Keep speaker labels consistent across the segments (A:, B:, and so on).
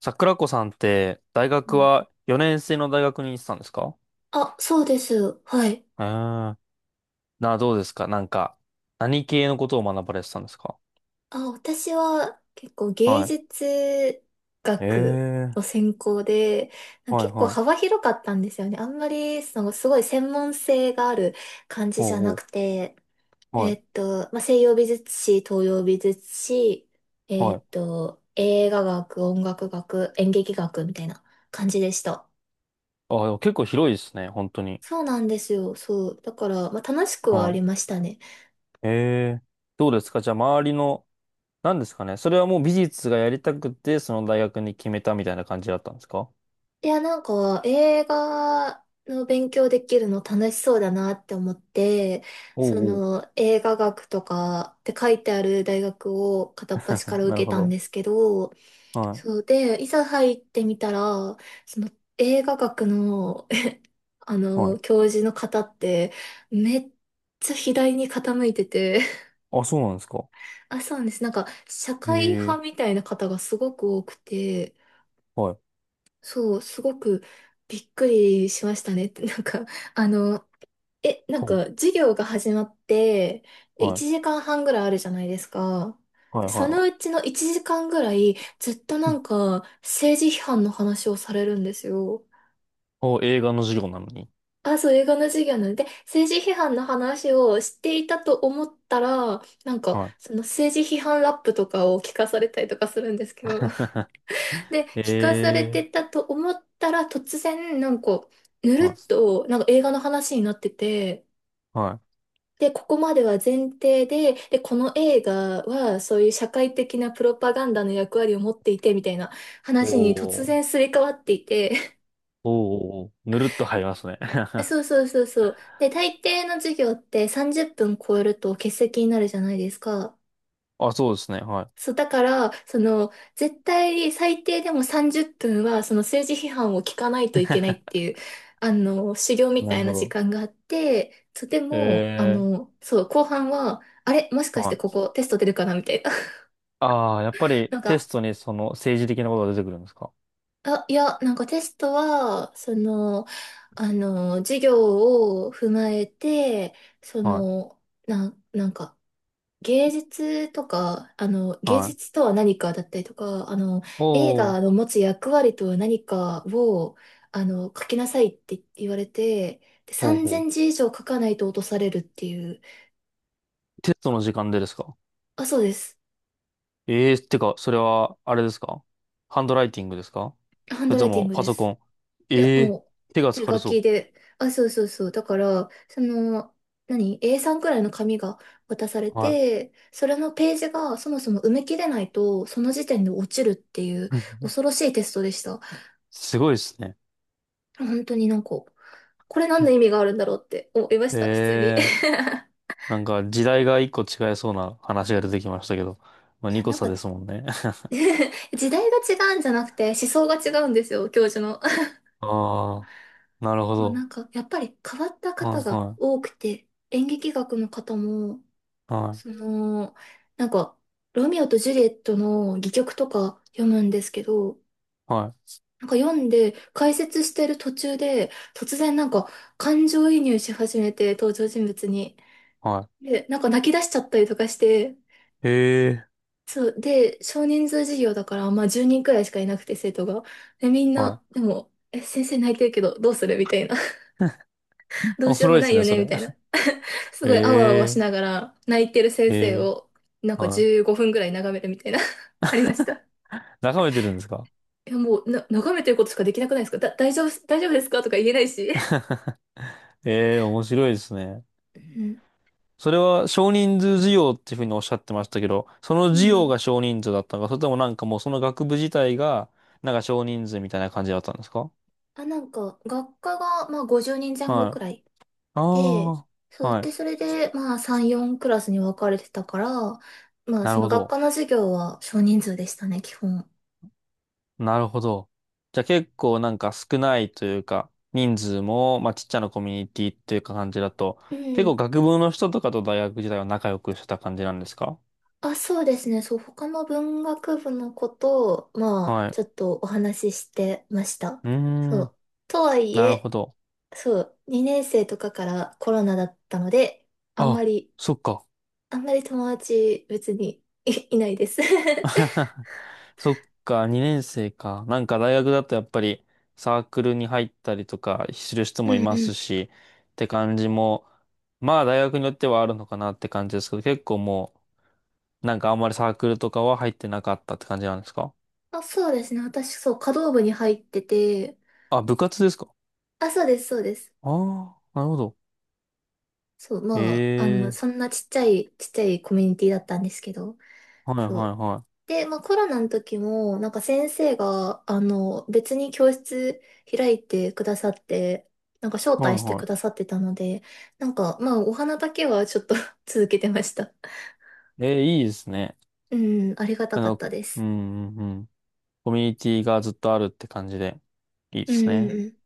A: 桜子さんって大
B: う
A: 学
B: ん。
A: は4年生の大学に行ってたんですか？
B: あ、そうです。はい。
A: ええー。どうですか？なんか、何系のことを学ばれてたんですか？
B: あ、私は結構芸
A: はい。
B: 術学
A: え
B: の
A: え
B: 専攻で、
A: ー。はい
B: 結構
A: は
B: 幅
A: い。
B: 広かったんですよね。あんまり、その、すごい専門性がある感じじゃ
A: お
B: な
A: う
B: く
A: お
B: て、
A: う。はい。
B: まあ、西洋美術史、東洋美術史、
A: はい。
B: 映画学、音楽学、演劇学みたいな感じでした。
A: あ、でも結構広いですね。本当に。
B: そうなんですよ。そう。だから、まあ、楽しくはあり
A: は
B: ましたね。
A: い。ええー。どうですか？じゃあ周りの、何ですかね？それはもう美術がやりたくて、その大学に決めたみたいな感じだったんですか？
B: いや、なんか映画の勉強できるの楽しそうだなって思って、そ
A: おうおう。
B: の映画学とかって書いてある大学を片っ端か ら
A: なる
B: 受け
A: ほ
B: たん
A: ど。
B: ですけど、
A: は
B: そうで、いざ入ってみたら、その映画学の、あ
A: い。はい。
B: の、教授の方ってめっちゃ左に傾いてて、
A: あ、そうなんですか？
B: あ、そうなんです。なんか社
A: へ
B: 会派
A: え。
B: みたいな方がすごく多くて、
A: はい。
B: そう、すごくびっくりしましたね。なんか、あの、なん
A: ほ
B: か、授業が始まって、
A: う。は
B: 1
A: い。
B: 時間半ぐらいあるじゃないですか。
A: はい
B: で
A: は
B: そ
A: いは
B: のうちの1時間ぐらい、ずっとなん
A: い。
B: か、政治批判の話をされるんですよ。
A: お、映画の授業なのに。
B: あ、そう、映画の授業なので、政治批判の話をしていたと思ったら、なんか、
A: はい。
B: その政治批判ラップとかを聞かされたりとかするんですけど、で、聞かされ て
A: ええ
B: たと思ったら、突然、なんか、ぬる
A: ー、はい。
B: っと、なんか映画の話になってて、
A: はい。
B: で、ここまでは前提で、で、この映画は、そういう社会的なプロパガンダの役割を持っていて、みたいな話に突
A: お
B: 然
A: ー、
B: すり替わっていて、
A: おー、おーぬるっと入りますね。
B: そうそうそうそう。で、大抵の授業って30分超えると欠席になるじゃないですか。
A: あ、そうですね。は
B: そう、だから、その、絶対最低でも30分は、その政治批判を聞かないといけないっていう、あの、修行
A: い。
B: み
A: な
B: た
A: る
B: いな
A: ほ
B: 時
A: ど。
B: 間があって、そう、でも、あ
A: ええ
B: の、そう、後半は、あれ、もし
A: ー、
B: かして
A: は
B: こ
A: い。
B: こテスト出るかなみたいな。
A: ああ、やっぱ り
B: なん
A: テ
B: か、
A: ストにその政治的なことが出てくるんですか？
B: あ、いや、なんかテストは、その、あの、授業を踏まえて、そ
A: は
B: の、なんか、芸術とか、あの、
A: い。
B: 芸
A: は
B: 術
A: い。
B: とは何かだったりとか、あの、映
A: おー、
B: 画の持つ役割とは何かを、あの、書きなさいって言われて、で、
A: ほうほ
B: 3000
A: う。
B: 字以上書かないと落とされるっていう。
A: テストの時間でですか？
B: あ、そうです。
A: ええー、ってか、それは、あれですか？ハンドライティングですか？
B: ハン
A: それ
B: ドラ
A: と
B: イティン
A: も
B: グ
A: パ
B: で
A: ソコ
B: す。
A: ン。
B: いや、
A: ええ
B: もう、
A: ー、手が
B: 手
A: 疲れ
B: 書き
A: そ
B: で。あ、そうそうそう。だから、その、何？ A3 くらいの紙が渡され
A: う。は
B: て、それのページがそもそも埋め切れないと、その時点で落ちるっていう
A: い。
B: 恐ろしいテストでした。
A: すごいですね。
B: 本当になんか、これ何の意味があるんだろうって思いました、普通に。い
A: ええ、なんか時代が一個違いそうな話が出てきましたけど、まあ二
B: や、
A: 個
B: なん
A: 差
B: か
A: ですもんね。
B: 時代が違うんじゃなくて思想が違うんですよ、教授の。
A: ああ、なるほ
B: まあな
A: ど。
B: んか、やっぱり変わった
A: は
B: 方
A: い
B: が
A: は
B: 多くて、演劇学の方も、
A: い、は
B: その、なんか、ロミオとジュリエットの戯曲とか読むんですけど、
A: い、は
B: なんか読んで解説してる途中で、突然なんか感情移入し始めて、登場人物に。
A: い、は
B: で、なんか泣き出しちゃったりとかして、
A: い。ええ、
B: そう。で、少人数授業だから、まあ10人くらいしかいなくて、生徒が。で、みん
A: はい。
B: な、でも、先生泣いてるけど、どうするみたいな。どう
A: 面
B: しよう
A: 白
B: も
A: いで
B: な
A: す
B: いよ
A: ね、そ
B: ねみ
A: れ。
B: たいな。すごい、あわあわし
A: え
B: ながら、泣いてる先
A: え、え
B: 生
A: え、
B: を、なんか
A: はい。
B: 15分くらい眺めるみたいな。ありました。
A: 眺めてるんですか？
B: いや、もう、眺めてることしかできなくないですか。大丈夫、大丈夫ですかとか言えないし。
A: ええ、面白いですね。
B: うん。
A: それは少人数授業っていうふうにおっしゃってましたけど、その
B: う
A: 授業
B: ん。
A: が少人数だったのか、それともなんかもうその学部自体が、なんか少人数みたいな感じだったんですか？
B: あ、なんか、学科が、まあ、50人前後
A: は
B: く
A: い。
B: らいで、
A: あ
B: そ
A: あ、
B: う、
A: はい。
B: で、それで、まあ、3、4クラスに分かれてたから、まあ、
A: な
B: そ
A: る
B: の
A: ほ
B: 学
A: ど。
B: 科の授業は少人数でしたね、基本。
A: なるほど。じゃあ結構なんか少ないというか、人数も、まあちっちゃなコミュニティっていうか感じだと、
B: う
A: 結
B: ん。
A: 構学部の人とかと大学時代は仲良くしてた感じなんですか？
B: あ、そうですね。そう、他の文学部の子と、まあ、
A: はい。
B: ちょっとお話ししてました。
A: う
B: そ
A: ーん、
B: う。とはい
A: なるほ
B: え、
A: ど。
B: そう、2年生とかからコロナだったので、あんま
A: あ、
B: り、
A: そっか。
B: あんまり友達別に いないです。
A: そっか、2年生か。なんか大学だとやっぱりサークルに入ったりとかする人
B: う
A: もい
B: ん
A: ま
B: う
A: す
B: ん。
A: し、って感じも、まあ大学によってはあるのかなって感じですけど、結構もう、なんかあんまりサークルとかは入ってなかったって感じなんですか？
B: あ、そうですね。私、そう、華道部に入ってて、
A: あ、部活ですか？
B: あ、そうです、そうです。
A: ああー、なるほど。
B: そう、
A: え
B: まあ、あの、
A: え、
B: そんなちっちゃい、ちっちゃいコミュニティだったんですけど、
A: はいはい
B: そう。
A: は
B: で、まあ、コロナの時も、なんか先生が、あの、別に教室開いてくださって、なんか招
A: い。はい
B: 待してく
A: は
B: ださってたので、なんか、まあ、お花だけはちょっと 続けてました。
A: い。ええ、いいですね。
B: うん、ありがた
A: あ
B: かっ
A: の、
B: たで
A: う
B: す。
A: んうんうん。コミュニティがずっとあるって感じで、いい
B: う
A: で
B: ん、う
A: す
B: ん
A: ね。
B: うん。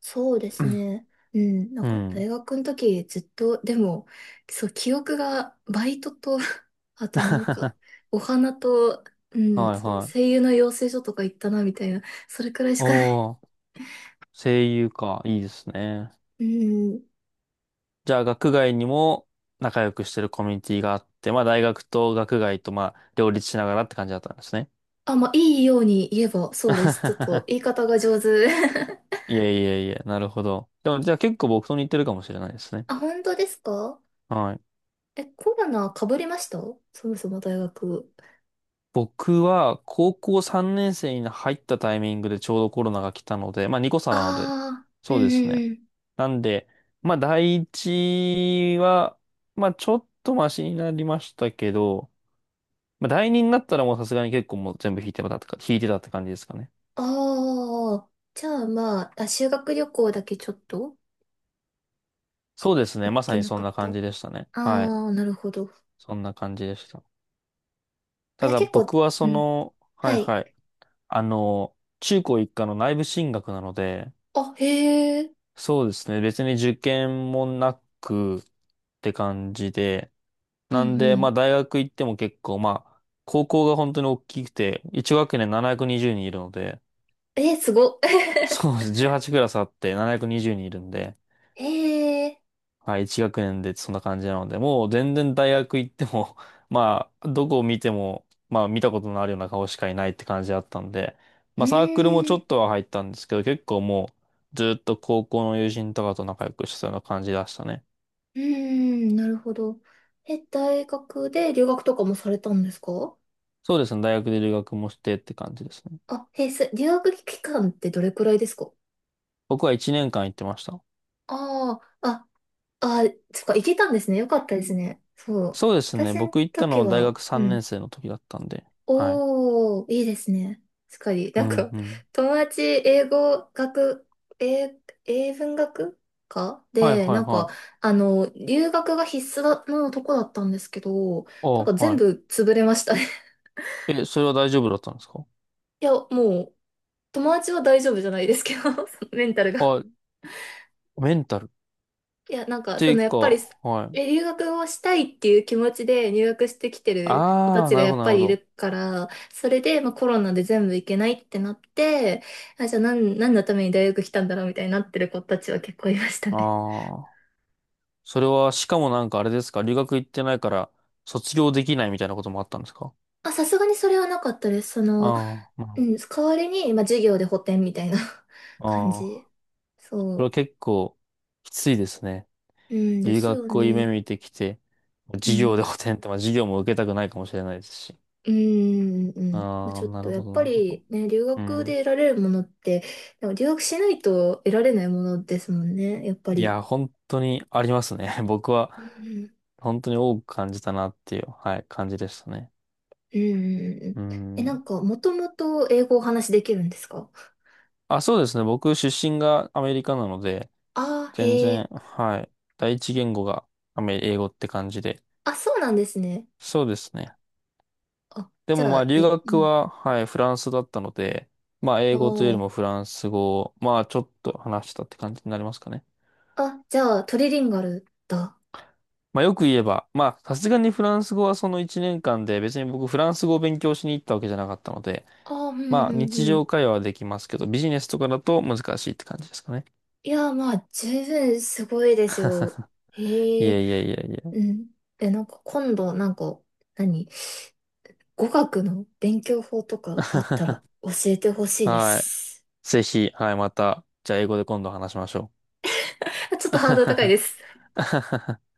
B: そうですね。うん、なん
A: う
B: か
A: ん。
B: 大学の時ずっと、でも、そう、記憶がバイトと、あとなんか、
A: は
B: お花と、う
A: い
B: ん、その
A: は
B: 声
A: い。
B: 優の養成所とか行ったな、みたいな、それくらいしかない。
A: おー、声優か。いいですね。
B: うん。
A: じゃあ、学外にも仲良くしてるコミュニティがあって、まあ、大学と学外と、まあ、両立しながらって感じだったんですね。
B: あ、まあ、いいように言えば、そうです。ちょっと 言い方が上手。
A: いえいえいえ、なるほど。でも、じゃあ結構僕と似てるかもしれないですね。
B: あ、本当ですか？
A: はい。
B: コロナ被りました？そもそも大学。
A: 僕は高校3年生に入ったタイミングでちょうどコロナが来たので、まあ2個差
B: あ
A: なので、
B: あ、うん
A: そう
B: う
A: ですね。
B: んうん。
A: なんで、まあ第一は、まあちょっとマシになりましたけど、まあ第二になったらもうさすがに結構もう全部引いてたってか、引いてたって感じですかね。
B: ああ、じゃあまあ、あ、修学旅行だけちょっと
A: そうですね。
B: 行っ
A: まさ
B: て
A: に
B: な
A: そ
B: か
A: ん
B: っ
A: な
B: た。
A: 感
B: あ
A: じでしたね。はい。
B: あー、なるほど。
A: そんな感じでした。
B: あ、
A: た
B: じゃあ
A: だ
B: 結構、
A: 僕は
B: う
A: そ
B: ん。
A: の、は
B: は
A: い
B: い。
A: はい。あの、中高一貫の内部進学なので、
B: あ、へえ。
A: そうですね。別に受験もなくって感じで。
B: う
A: なん
B: んう
A: で、ま
B: ん。
A: あ大学行っても結構、まあ、高校が本当に大きくて、1学年720人いるので、
B: えー、すご。
A: そうです。18クラスあって720人いるんで、
B: へえ。
A: はい、1学年でそんな感じなので、もう全然大学行っても、まあ、どこを見ても、まあ見たことのあるような顔しかいないって感じだったんで、
B: う
A: まあサークルもち
B: ー
A: ょ
B: ん。
A: っとは入ったんですけど、結構もう、ずっと高校の友人とかと仲良くしてたような感じでしたね。
B: うーん、なるほど。大学で留学とかもされたんですか？
A: そうですね。大学で留学もしてって感じですね。
B: あ、へえ、留学期間ってどれくらいですか？
A: 僕は1年間行ってました。
B: ああ、あ、あ、そっか、行けたんですね。よかったですね。そう。
A: そうですね。
B: 私の
A: 僕行った
B: 時
A: の大
B: は、
A: 学
B: う
A: 3年
B: ん。
A: 生の時だったんで。はい。
B: おー、いいですね。確かに。
A: う
B: なん
A: ん
B: か、
A: うん。
B: 友達、英語学、英、英文学科
A: はい
B: で、
A: はい
B: なんか、
A: はい。
B: あの、留学が必須だのとこだったんですけど、
A: あ
B: なんか
A: あ、
B: 全
A: は
B: 部潰れましたね。
A: い。え、それは大丈夫だったんですか？
B: いや、もう、友達は大丈夫じゃないですけど、そのメンタルが。
A: あ、メンタル。っ
B: いや、なんか、そ
A: て
B: の、
A: いう
B: や
A: か、
B: っぱり、
A: はい。
B: 留学をしたいっていう気持ちで入学してきてる子た
A: ああ、
B: ち
A: な
B: が
A: る
B: や
A: ほど
B: っ
A: なる
B: ぱ
A: ほ
B: りい
A: ど。
B: るから、それで、まあ、コロナで全部行けないってなって、あ、じゃあ何のために大学来たんだろうみたいになってる子たちは結構いましたね。
A: ああ。それは、しかもなんかあれですか？留学行ってないから卒業できないみたいなこともあったんですか？
B: あ、さすがにそれはなかったです。その、
A: ああ、
B: う
A: ま
B: ん、代わりに、まあ、授業で補填みたいな
A: あ、
B: 感
A: ああ。
B: じ。
A: それは
B: そ
A: 結構きついですね。
B: う。うんで
A: 留
B: すよ
A: 学を夢
B: ね。
A: 見てきて、
B: う
A: 授業で
B: ん。
A: 補填って、まあ授業も受けたくないかもしれないですし。
B: うーん、うん。
A: ああ、
B: ちょっ
A: な
B: と
A: る
B: や
A: ほ
B: っ
A: ど、
B: ぱ
A: なるほど。
B: りね、留
A: う
B: 学で
A: ん。
B: 得られるものって、でも留学しないと得られないものですもんね、やっぱ
A: い
B: り。
A: や、本当にありますね。僕は
B: うん、
A: 本当に多く感じたなっていう、はい、感じでしたね。
B: うん、うんう
A: う
B: ん。な
A: ん。
B: んか、もともと英語をお話しできるんですか？
A: あ、そうですね。僕出身がアメリカなので、
B: ああー、
A: 全
B: へ
A: 然、
B: え。
A: はい、第一言語がアメ英語って感じで。
B: あ、そうなんですね。
A: そうですね。
B: あ、
A: で
B: じ
A: も
B: ゃ
A: まあ
B: あ、
A: 留
B: う
A: 学
B: ん。
A: は、はい、フランスだったので、まあ英語というよ
B: お
A: り
B: ー。
A: もフランス語を、まあちょっと話したって感じになりますかね。
B: あ、じゃあ、トリリンガルだ。
A: まあよく言えば、まあさすがにフランス語はその1年間で別に僕フランス語を勉強しに行ったわけじゃなかったので、
B: ああ、うん、う
A: まあ
B: ん、
A: 日
B: うん。
A: 常会話はできますけど、ビジネスとかだと難しいって感じですかね。
B: いやー、まあ、十分すごいですよ。
A: い
B: へえ、
A: えいえいえいえ。
B: うん。なんか、今度、なんか、何語学の勉強法とかあったら教えてほしいで
A: はい。
B: す。
A: ぜひ、はい、また、じゃあ英語で今度話しましょ
B: ちょっとハードル高いで
A: う。
B: す。